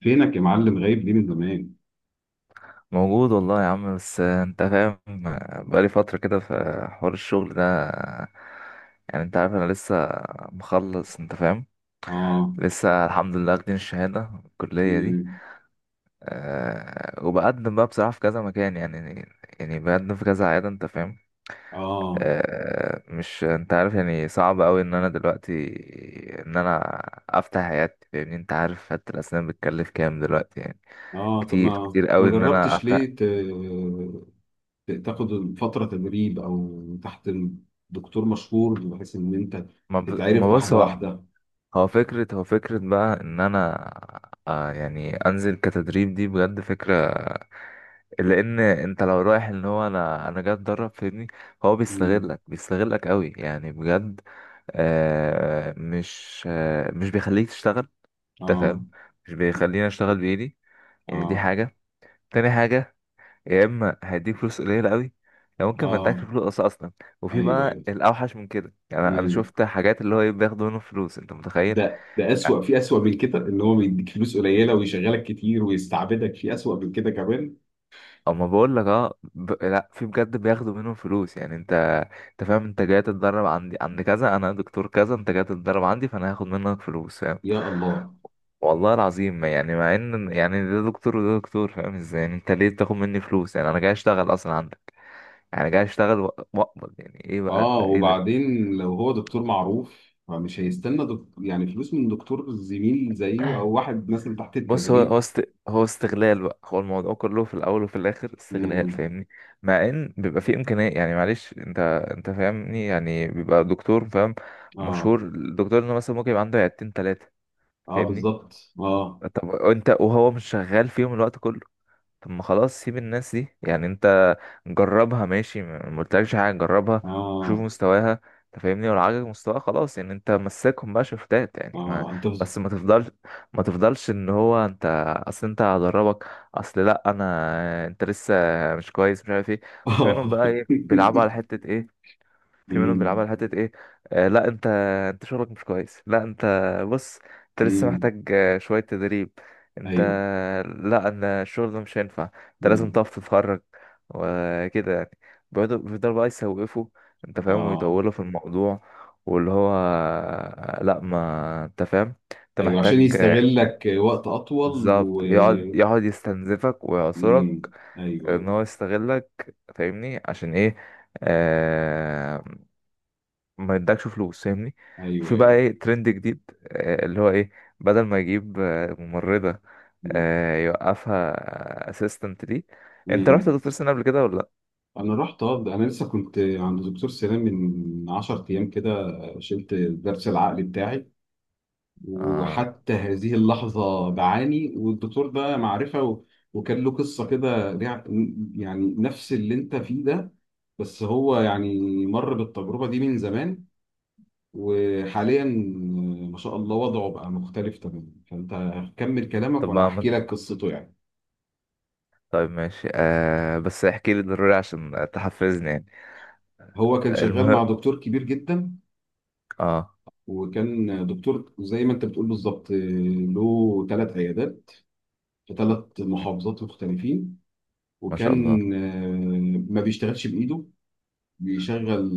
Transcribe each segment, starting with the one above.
فينك يا معلم غايب ليه من زمان؟ موجود والله يا عم، بس انت فاهم. بقالي فترة كده في حوار الشغل ده. يعني انت عارف انا لسه مخلص، انت فاهم. اه. لسه الحمد لله واخدين الشهادة في الكلية دي. مم. أه، وبقدم بقى بصراحة في كذا مكان، يعني بقدم في كذا عيادة، انت فاهم. اه، أه، مش انت عارف يعني صعب اوي ان انا دلوقتي ان انا افتح عيادتي، فاهمني. انت عارف عيادة الاسنان بتكلف كام دلوقتي يعني. اه. طب كتير ما كتير ما اوي ان انا جربتش افتح. ليه تاخد فترة تدريب او تحت دكتور مشهور بحيث ان انت تتعرف ما بص، واحدة هو واحدة. هو فكرة هو فكرة بقى ان انا، آه، يعني انزل كتدريب، دي بجد فكرة. لان انت لو رايح ان هو، انا جاي اتدرب فاهمني، هو مم. بيستغلك بيستغلك قوي يعني بجد. مش بيخليك تشتغل، انت اه، فاهم. مش بيخليني اشتغل بايدي. يعني دي اه، حاجة. تاني حاجة، يا اما هيديك فلوس قليلة قوي، يا ممكن ما ادكش اه. فلوس اصلا. وفي ايوه، بقى ايوه. الاوحش من كده، يعني انا مم. شفت حاجات اللي هو إيه، بياخدوا منهم فلوس، انت متخيل. ده اسوأ، في اسوأ من كده، ان هو بيديك فلوس قليلة ويشغلك كتير ويستعبدك، في اسوأ من كده كمان. اما بقول لك اه، لا، في بجد بياخدوا منهم فلوس. يعني انت فاهم، انت جاي تتدرب عندي عند كذا، انا دكتور كذا، انت جاي تتدرب عندي فانا هاخد منك فلوس، فاهم. يا الله. والله العظيم، ما يعني مع ان يعني ده دكتور وده دكتور، فاهم ازاي يعني، انت ليه بتاخد مني فلوس يعني، انا جاي اشتغل اصلا عندك. يعني جاي اشتغل واقبض. يعني ايه بقى اه، ايه ده. وبعدين لو هو دكتور معروف فمش هيستنى يعني فلوس من دكتور زميل زيه او واحد مثلا تحت بص هو التدريب. هو استغلال بقى، هو الموضوع كله في الاول وفي الاخر استغلال، امم. فاهمني. مع ان بيبقى فيه امكانيه، يعني معلش، انت فاهمني، يعني بيبقى دكتور فاهم اه، مشهور، الدكتور انه مثلا ممكن يبقى عنده عيادتين ثلاثه، اه، فاهمني. بالظبط، اه. طب انت وهو مش شغال فيهم الوقت كله. طب ما خلاص، سيب الناس دي، يعني انت جربها، ماشي، ما قلتلكش حاجه. جربها وشوف اه، مستواها، انت فاهمني، ولو عجبك مستواها خلاص، يعني انت مسكهم بقى شفتات يعني، ما. اه. انت بس ما تفضلش، ما تفضلش ان هو انت، اصل انت هدربك، اصل لا، انا انت لسه مش كويس، مش عارف ايه. وفي منهم اه. بقى ايه، بيلعبوا على حته ايه. في منهم بيلعبوا امم، على حتة ايه. لا، انت شغلك مش كويس، لا انت، بص، انت لسه امم. محتاج، شوية تدريب. انت ايوه. لا، انا الشغل ده مش هينفع، انت لازم امم. تقف تتفرج، وكده يعني. بيفضلوا بقى يسوقفوا، انت فاهم، اه. ويطولوا في الموضوع. واللي هو لا، ما انت فاهم، انت ايوه عشان محتاج، يستغلك وقت اطول بالظبط. و. يقعد يستنزفك ويعصرك، امم. ايوه، ان هو ايوه. يستغلك، فاهمني. عشان ايه؟ آه، ما يدكش فلوس، فاهمني. ايوه، في بقى ايوه. ايه ترند جديد، اللي هو ايه، بدل ما يجيب ممرضة، يوقفها اسيستنت ليه. انت رحت امم. دكتور سنان قبل كده ولا لا؟ انا رحت، اه، ده انا لسه كنت عند دكتور سنان من 10 ايام كده، شلت الضرس العقلي بتاعي. اه. وحتى هذه اللحظه بعاني، والدكتور ده معرفه وكان له قصه كده يعني نفس اللي انت فيه ده، بس هو يعني مر بالتجربه دي من زمان. وحاليا، ما شاء الله وضعه بقى مختلف تماما، فانت كمل كلامك طب وانا هحكي لك قصته يعني. طيب ماشي، آه، بس احكي لي ضروري عشان تحفزني يعني. هو كان شغال مع المهم. دكتور كبير جدا، اه. وكان دكتور زي ما انت بتقول بالظبط له ثلاث عيادات، في ثلاث م،. محافظات مختلفين. ما شاء الله. وكان ما بيشتغلش بايده، بيشغل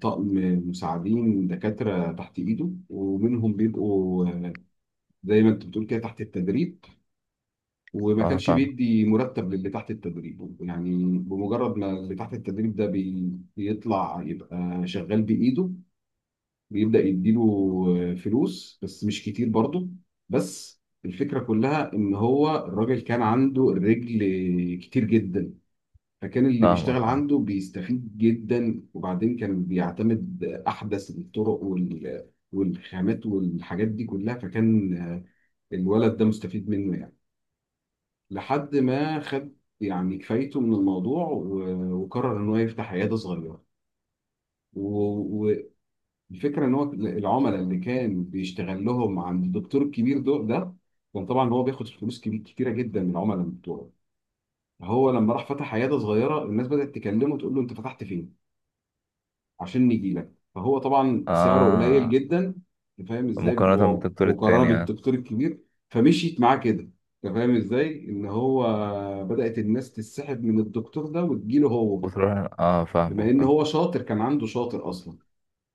طقم مساعدين دكاترة تحت ايده، ومنهم بيبقوا زي ما انت بتقول كده تحت التدريب. وما اه، كانش فاهمك بيدي مرتب للي تحت التدريب. يعني بمجرد ما اللي تحت التدريب ده بيطلع يبقى شغال بايده، بيبدأ يديله فلوس، بس مش كتير برضه. بس الفكرة كلها إن هو الراجل كان عنده الرجل كتير جدا، فكان اللي بيشتغل فاهمك. اه عنده بيستفيد جدا. وبعدين كان بيعتمد أحدث الطرق والخامات والحاجات دي كلها. فكان الولد ده مستفيد منه يعني، لحد ما خد يعني كفايته من الموضوع و- وقرر إن هو يفتح عيادة صغيرة و- الفكره ان هو العملاء اللي كان بيشتغل لهم عند الدكتور الكبير دول، ده كان طبعا هو بياخد فلوس كبير كتيره جدا من العملاء بتوعه. فهو لما راح فتح عياده صغيره، الناس بدات تكلمه تقول له انت فتحت فين عشان نيجي لك. فهو طبعا سعره قليل اه. جدا. انت فاهم ازاي مقارنة بالدكتور بمقارنه التاني يعني. بالدكتور الكبير. فمشيت معاه كده. انت فاهم ازاي ان هو بدات الناس تسحب من الدكتور ده وتجيله هو. وتروح. اه، بما فاهمك ان فاهم. هو شاطر، كان عنده شاطر اصلا.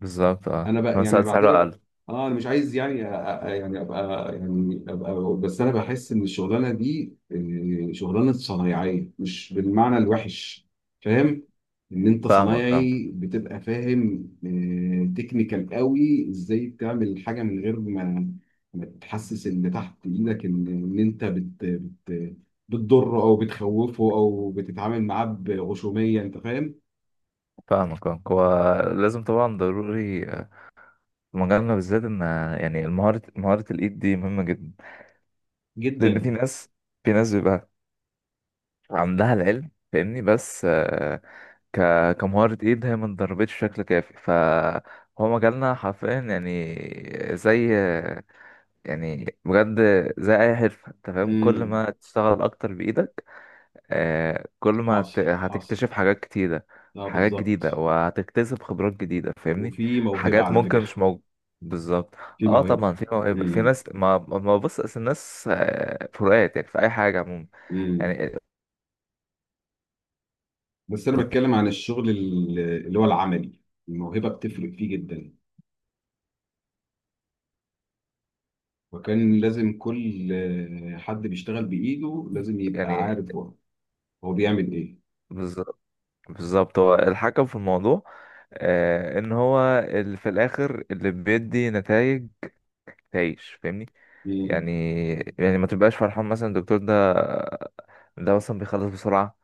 بالظبط، اه، انا في بقى نفس يعني الوقت سعره بعتبر، اقل. اه، انا مش عايز يعني يعني ابقى. بس انا بحس ان الشغلانه دي، شغلانه صنايعيه، مش بالمعنى الوحش، فاهم، ان انت فاهمك فاهمك. صنايعي بتبقى فاهم تكنيكال قوي، ازاي تعمل حاجه من غير ما تحسس اللي تحت ايدك ان انت بت بت بتضره او بتخوفه او بتتعامل معاه بغشوميه، انت فاهم. فاهمك فاهمك. هو لازم طبعا، ضروري، في مجالنا بالذات، ان يعني المهارة، مهارة الايد دي مهمة جدا. لان جدا. في ناس، في ناس بيبقى عندها العلم، فاهمني، بس آه، ك كمهارة ايد هي ما اتدربتش بشكل كافي. فهو مجالنا حرفيا يعني، زي يعني بجد، زي اي حرفة، انت فاهم، كل امم. ما تشتغل اكتر بايدك، كل ما حاصل، حاصل، هتكتشف حاجات كتيرة، اه حاجات جديدة، بالظبط. وهتكتسب خبرات جديدة، فاهمني. وفي موهبة حاجات على ممكن فكرة. مش موجودة. بالظبط. في اه، موهبة. طبعا في مواهب، في امم. ناس، ما ما بص أصل الناس فروقات يعني، في اي حاجة عموما امم. يعني. بس انا ضد- بتكلم عن الشغل اللي هو العملي. الموهبة بتفرق فيه جدا، وكان لازم كل حد بيشتغل بإيده لازم يبقى يعني، عارف هو بيعمل ايه. بالظبط، بالظبط. هو الحكم في الموضوع، ان هو اللي في الاخر اللي بيدي نتائج تعيش، فاهمني. امم. يعني، يعني ما تبقاش فرحان مثلا الدكتور ده، ده مثلا بيخلص بسرعة،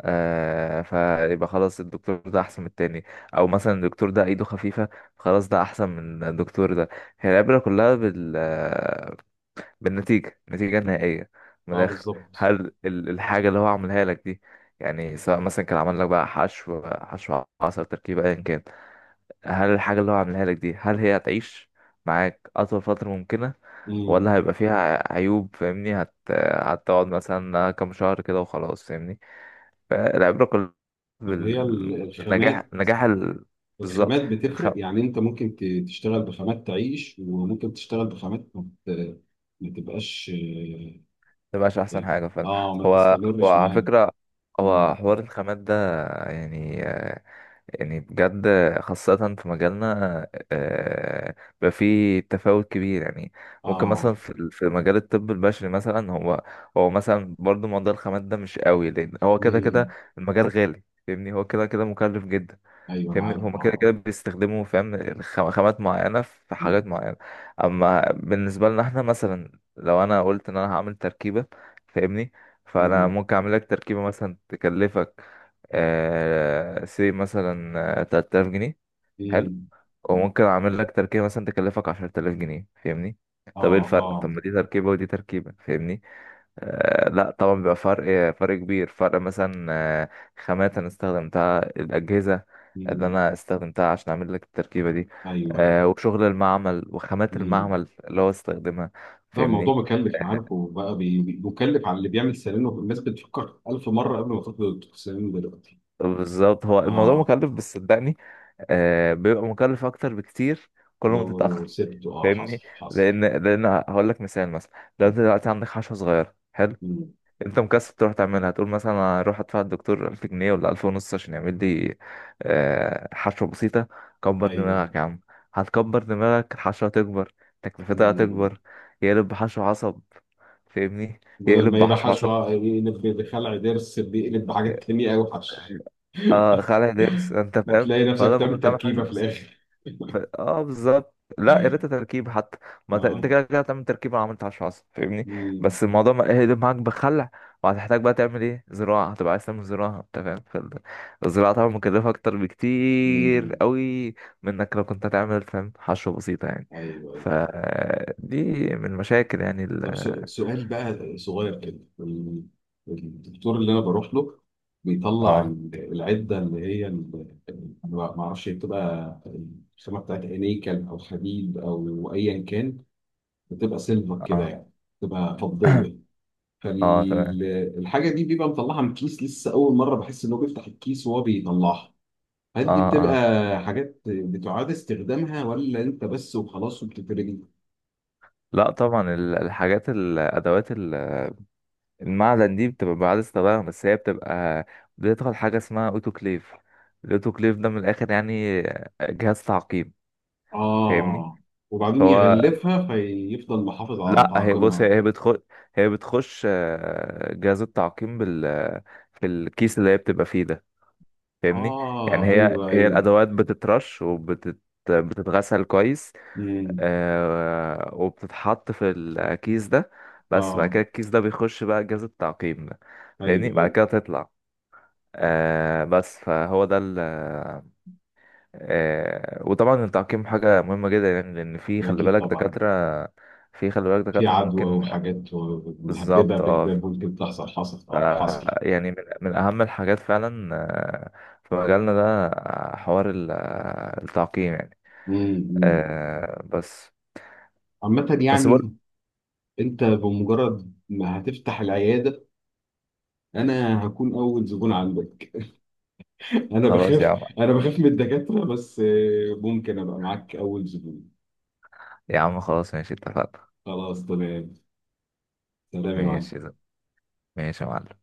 آه، فيبقى خلاص الدكتور ده احسن من التاني، او مثلا الدكتور ده ايده خفيفة، خلاص ده احسن من الدكتور ده. هي العبرة كلها بالنتيجة، النتيجة النهائية، من اه، الاخر. بالظبط. هل الحاجة اللي هو عملها لك دي، يعني سواء مثلا كان عمل لك بقى حشو، حشو عصب، تركيب، ايا كان، هل الحاجة اللي هو عملها لك دي هل هي هتعيش معاك اطول فترة ممكنة، امم. ولا هيبقى فيها عيوب، فاهمني. هتقعد مثلا كام شهر كده وخلاص، فاهمني. فالعبرة كلها طب هي بالنجاح، الخامات. بالظبط. الخامات بتفرق. الخم يعني انت ممكن تشتغل بخامات تعيش، وممكن تشتغل بخامات ما تبقاش، اه، مبقاش أحسن يعني، حاجة فعلا. ما هو هو تستمرش على معاك. فكرة، هو امم. حوار الخامات ده يعني، يعني بجد، خاصة في مجالنا، آه، بقى فيه تفاوت كبير يعني. ممكن مثلا اه. في مجال الطب البشري مثلا، هو، هو مثلا برضه موضوع الخامات ده مش قوي، لأن هو كده كده مم. المجال غالي، فاهمني، هو كده كده مكلف جدا، ايوه انا فاهمني. عارف، هما كده كده اه. بيستخدموا فاهم، خامات معينة في مم. حاجات معينة. أما بالنسبة لنا احنا، مثلا لو أنا قلت إن أنا هعمل تركيبة، فاهمني، فأنا مم. ممكن أعمل لك تركيبة مثلا تكلفك آه سي مثلا 3000 جنيه، حلو، مم. وممكن أعمل لك تركيبة مثلا تكلفك 10000 جنيه، فاهمني. طب ايه اه، الفرق؟ طب اه. ما دي تركيبة ودي تركيبة، فاهمني. آه لا طبعا بيبقى فرق فرق كبير، فرق مثلا خامات انا استخدمتها، الاجهزه اللي مم. انا استخدمتها عشان اعمل لك التركيبه دي، ايوه، ايوه. آه، وشغل المعمل، وخامات مم. المعمل اللي هو استخدمها، ده الموضوع فاهمني. مكلف، انا عارفه بقى مكلف على اللي بيعمل سيرينو. الناس بتفكر ألف مرة قبل ما تدخل السيرينو دلوقتي. بالظبط، هو الموضوع اه. مكلف، بس صدقني آه، بيبقى مكلف اكتر بكتير كل ما لو تتاخر، سبته، اه، فاهمني. حصل حصل. لان هقول لك مثال، مثلا لو انت دلوقتي عندك حشوه صغيره، حلو، مم. انت مكسب تروح تعملها، تقول مثلا انا هروح ادفع الدكتور 1000 جنيه ولا 1000 ونص، عشان يعمل لي حشوه بسيطه. كبر دماغك ايوه. يا عم، هتكبر دماغك، الحشوه هتكبر، تكلفتها مم. هتكبر، يقلب بحشو عصب، فاهمني، بدل يقلب ما يبقى بحشو حشو، عصب يقلب بخلع ضرس، بيقلب بحاجات تانية أوي حشو. آه خلع ضرس، انت فاهم. بتلاقي نفسك فبدل ما بتعمل كنت عامل حشو تركيبة في بسيط، الآخر. اه بالظبط، لا يا ريت تركيب حتى. ما ت... انت اه. كده كده هتعمل تركيب، انا عملت 10 10، فاهمني. مم. بس الموضوع ما ايه ده معاك بخلع، وهتحتاج بقى تعمل ايه، زراعه، هتبقى عايز تعمل زراعه، انت فاهم. الزراعه طبعا مكلفه اكتر بكتير مم. قوي من انك لو كنت هتعمل فاهم حشوه بسيطه يعني. ايوه، ايوه. ف دي من المشاكل يعني طب سؤال بقى صغير كده، الدكتور اللي انا بروح له بيطلع اه العده اللي هي ما اعرفش هي بتبقى الخامه بتاعت انيكل او حديد او ايا كان، بتبقى سيلفر كده اه. يعني، بتبقى فضيه. اه تمام. فالحاجه دي بيبقى مطلعها من كيس، لسه اول مره بحس انه بيفتح الكيس وهو بيطلعها. هل دي اه بتبقى اه. حاجات بتعاد استخدامها، ولا انت بس وخلاص وبتترمي؟ لا طبعا، الحاجات، الادوات المعدن دي بتبقى بعد استخدامها، بس هي بتبقى بتدخل حاجة اسمها اوتوكليف. الاوتوكليف ده من الآخر يعني جهاز تعقيم، فاهمني. اه، وبعدين فهو، يغلفها فيفضل محافظ على لا هي بص، تعاقمها. هي بتخش، هي بتخش جهاز التعقيم في الكيس اللي هي بتبقى فيه ده، فاهمني. يعني اه، هي ايوه، هي ايوه. الأدوات بتترش بتتغسل كويس، امم. وبتتحط في الكيس ده. بس بعد اه، كده الكيس ده بيخش بقى جهاز التعقيم ده، فاهمني، ايوه، بعد ايوه. كده تطلع، آه. بس فهو ده ال آه وطبعا التعقيم حاجة مهمة جدا يعني، لأن في خلي اكيد بالك طبعا. دكاترة، في خلي بالك في دكاترة عدوى ممكن. وحاجات مهببه بالظبط اه، بهباب ممكن تحصل. حصل، حصل. يعني من، من أهم الحاجات فعلا، في مجالنا ده، آه، حوار ال- آه، التعقيم يعني. امم. آه بس، عامة بس بقول. يعني، انت بمجرد ما هتفتح العياده انا هكون اول زبون عندك. انا خلاص يا بخاف. عم. انا بخاف من الدكاتره، بس ممكن ابقى معاك اول زبون. يا عم خلاص ماشي، اتفقنا. خلاص تمام. سلام يا ماشي. معلم. ماشي يا معلم.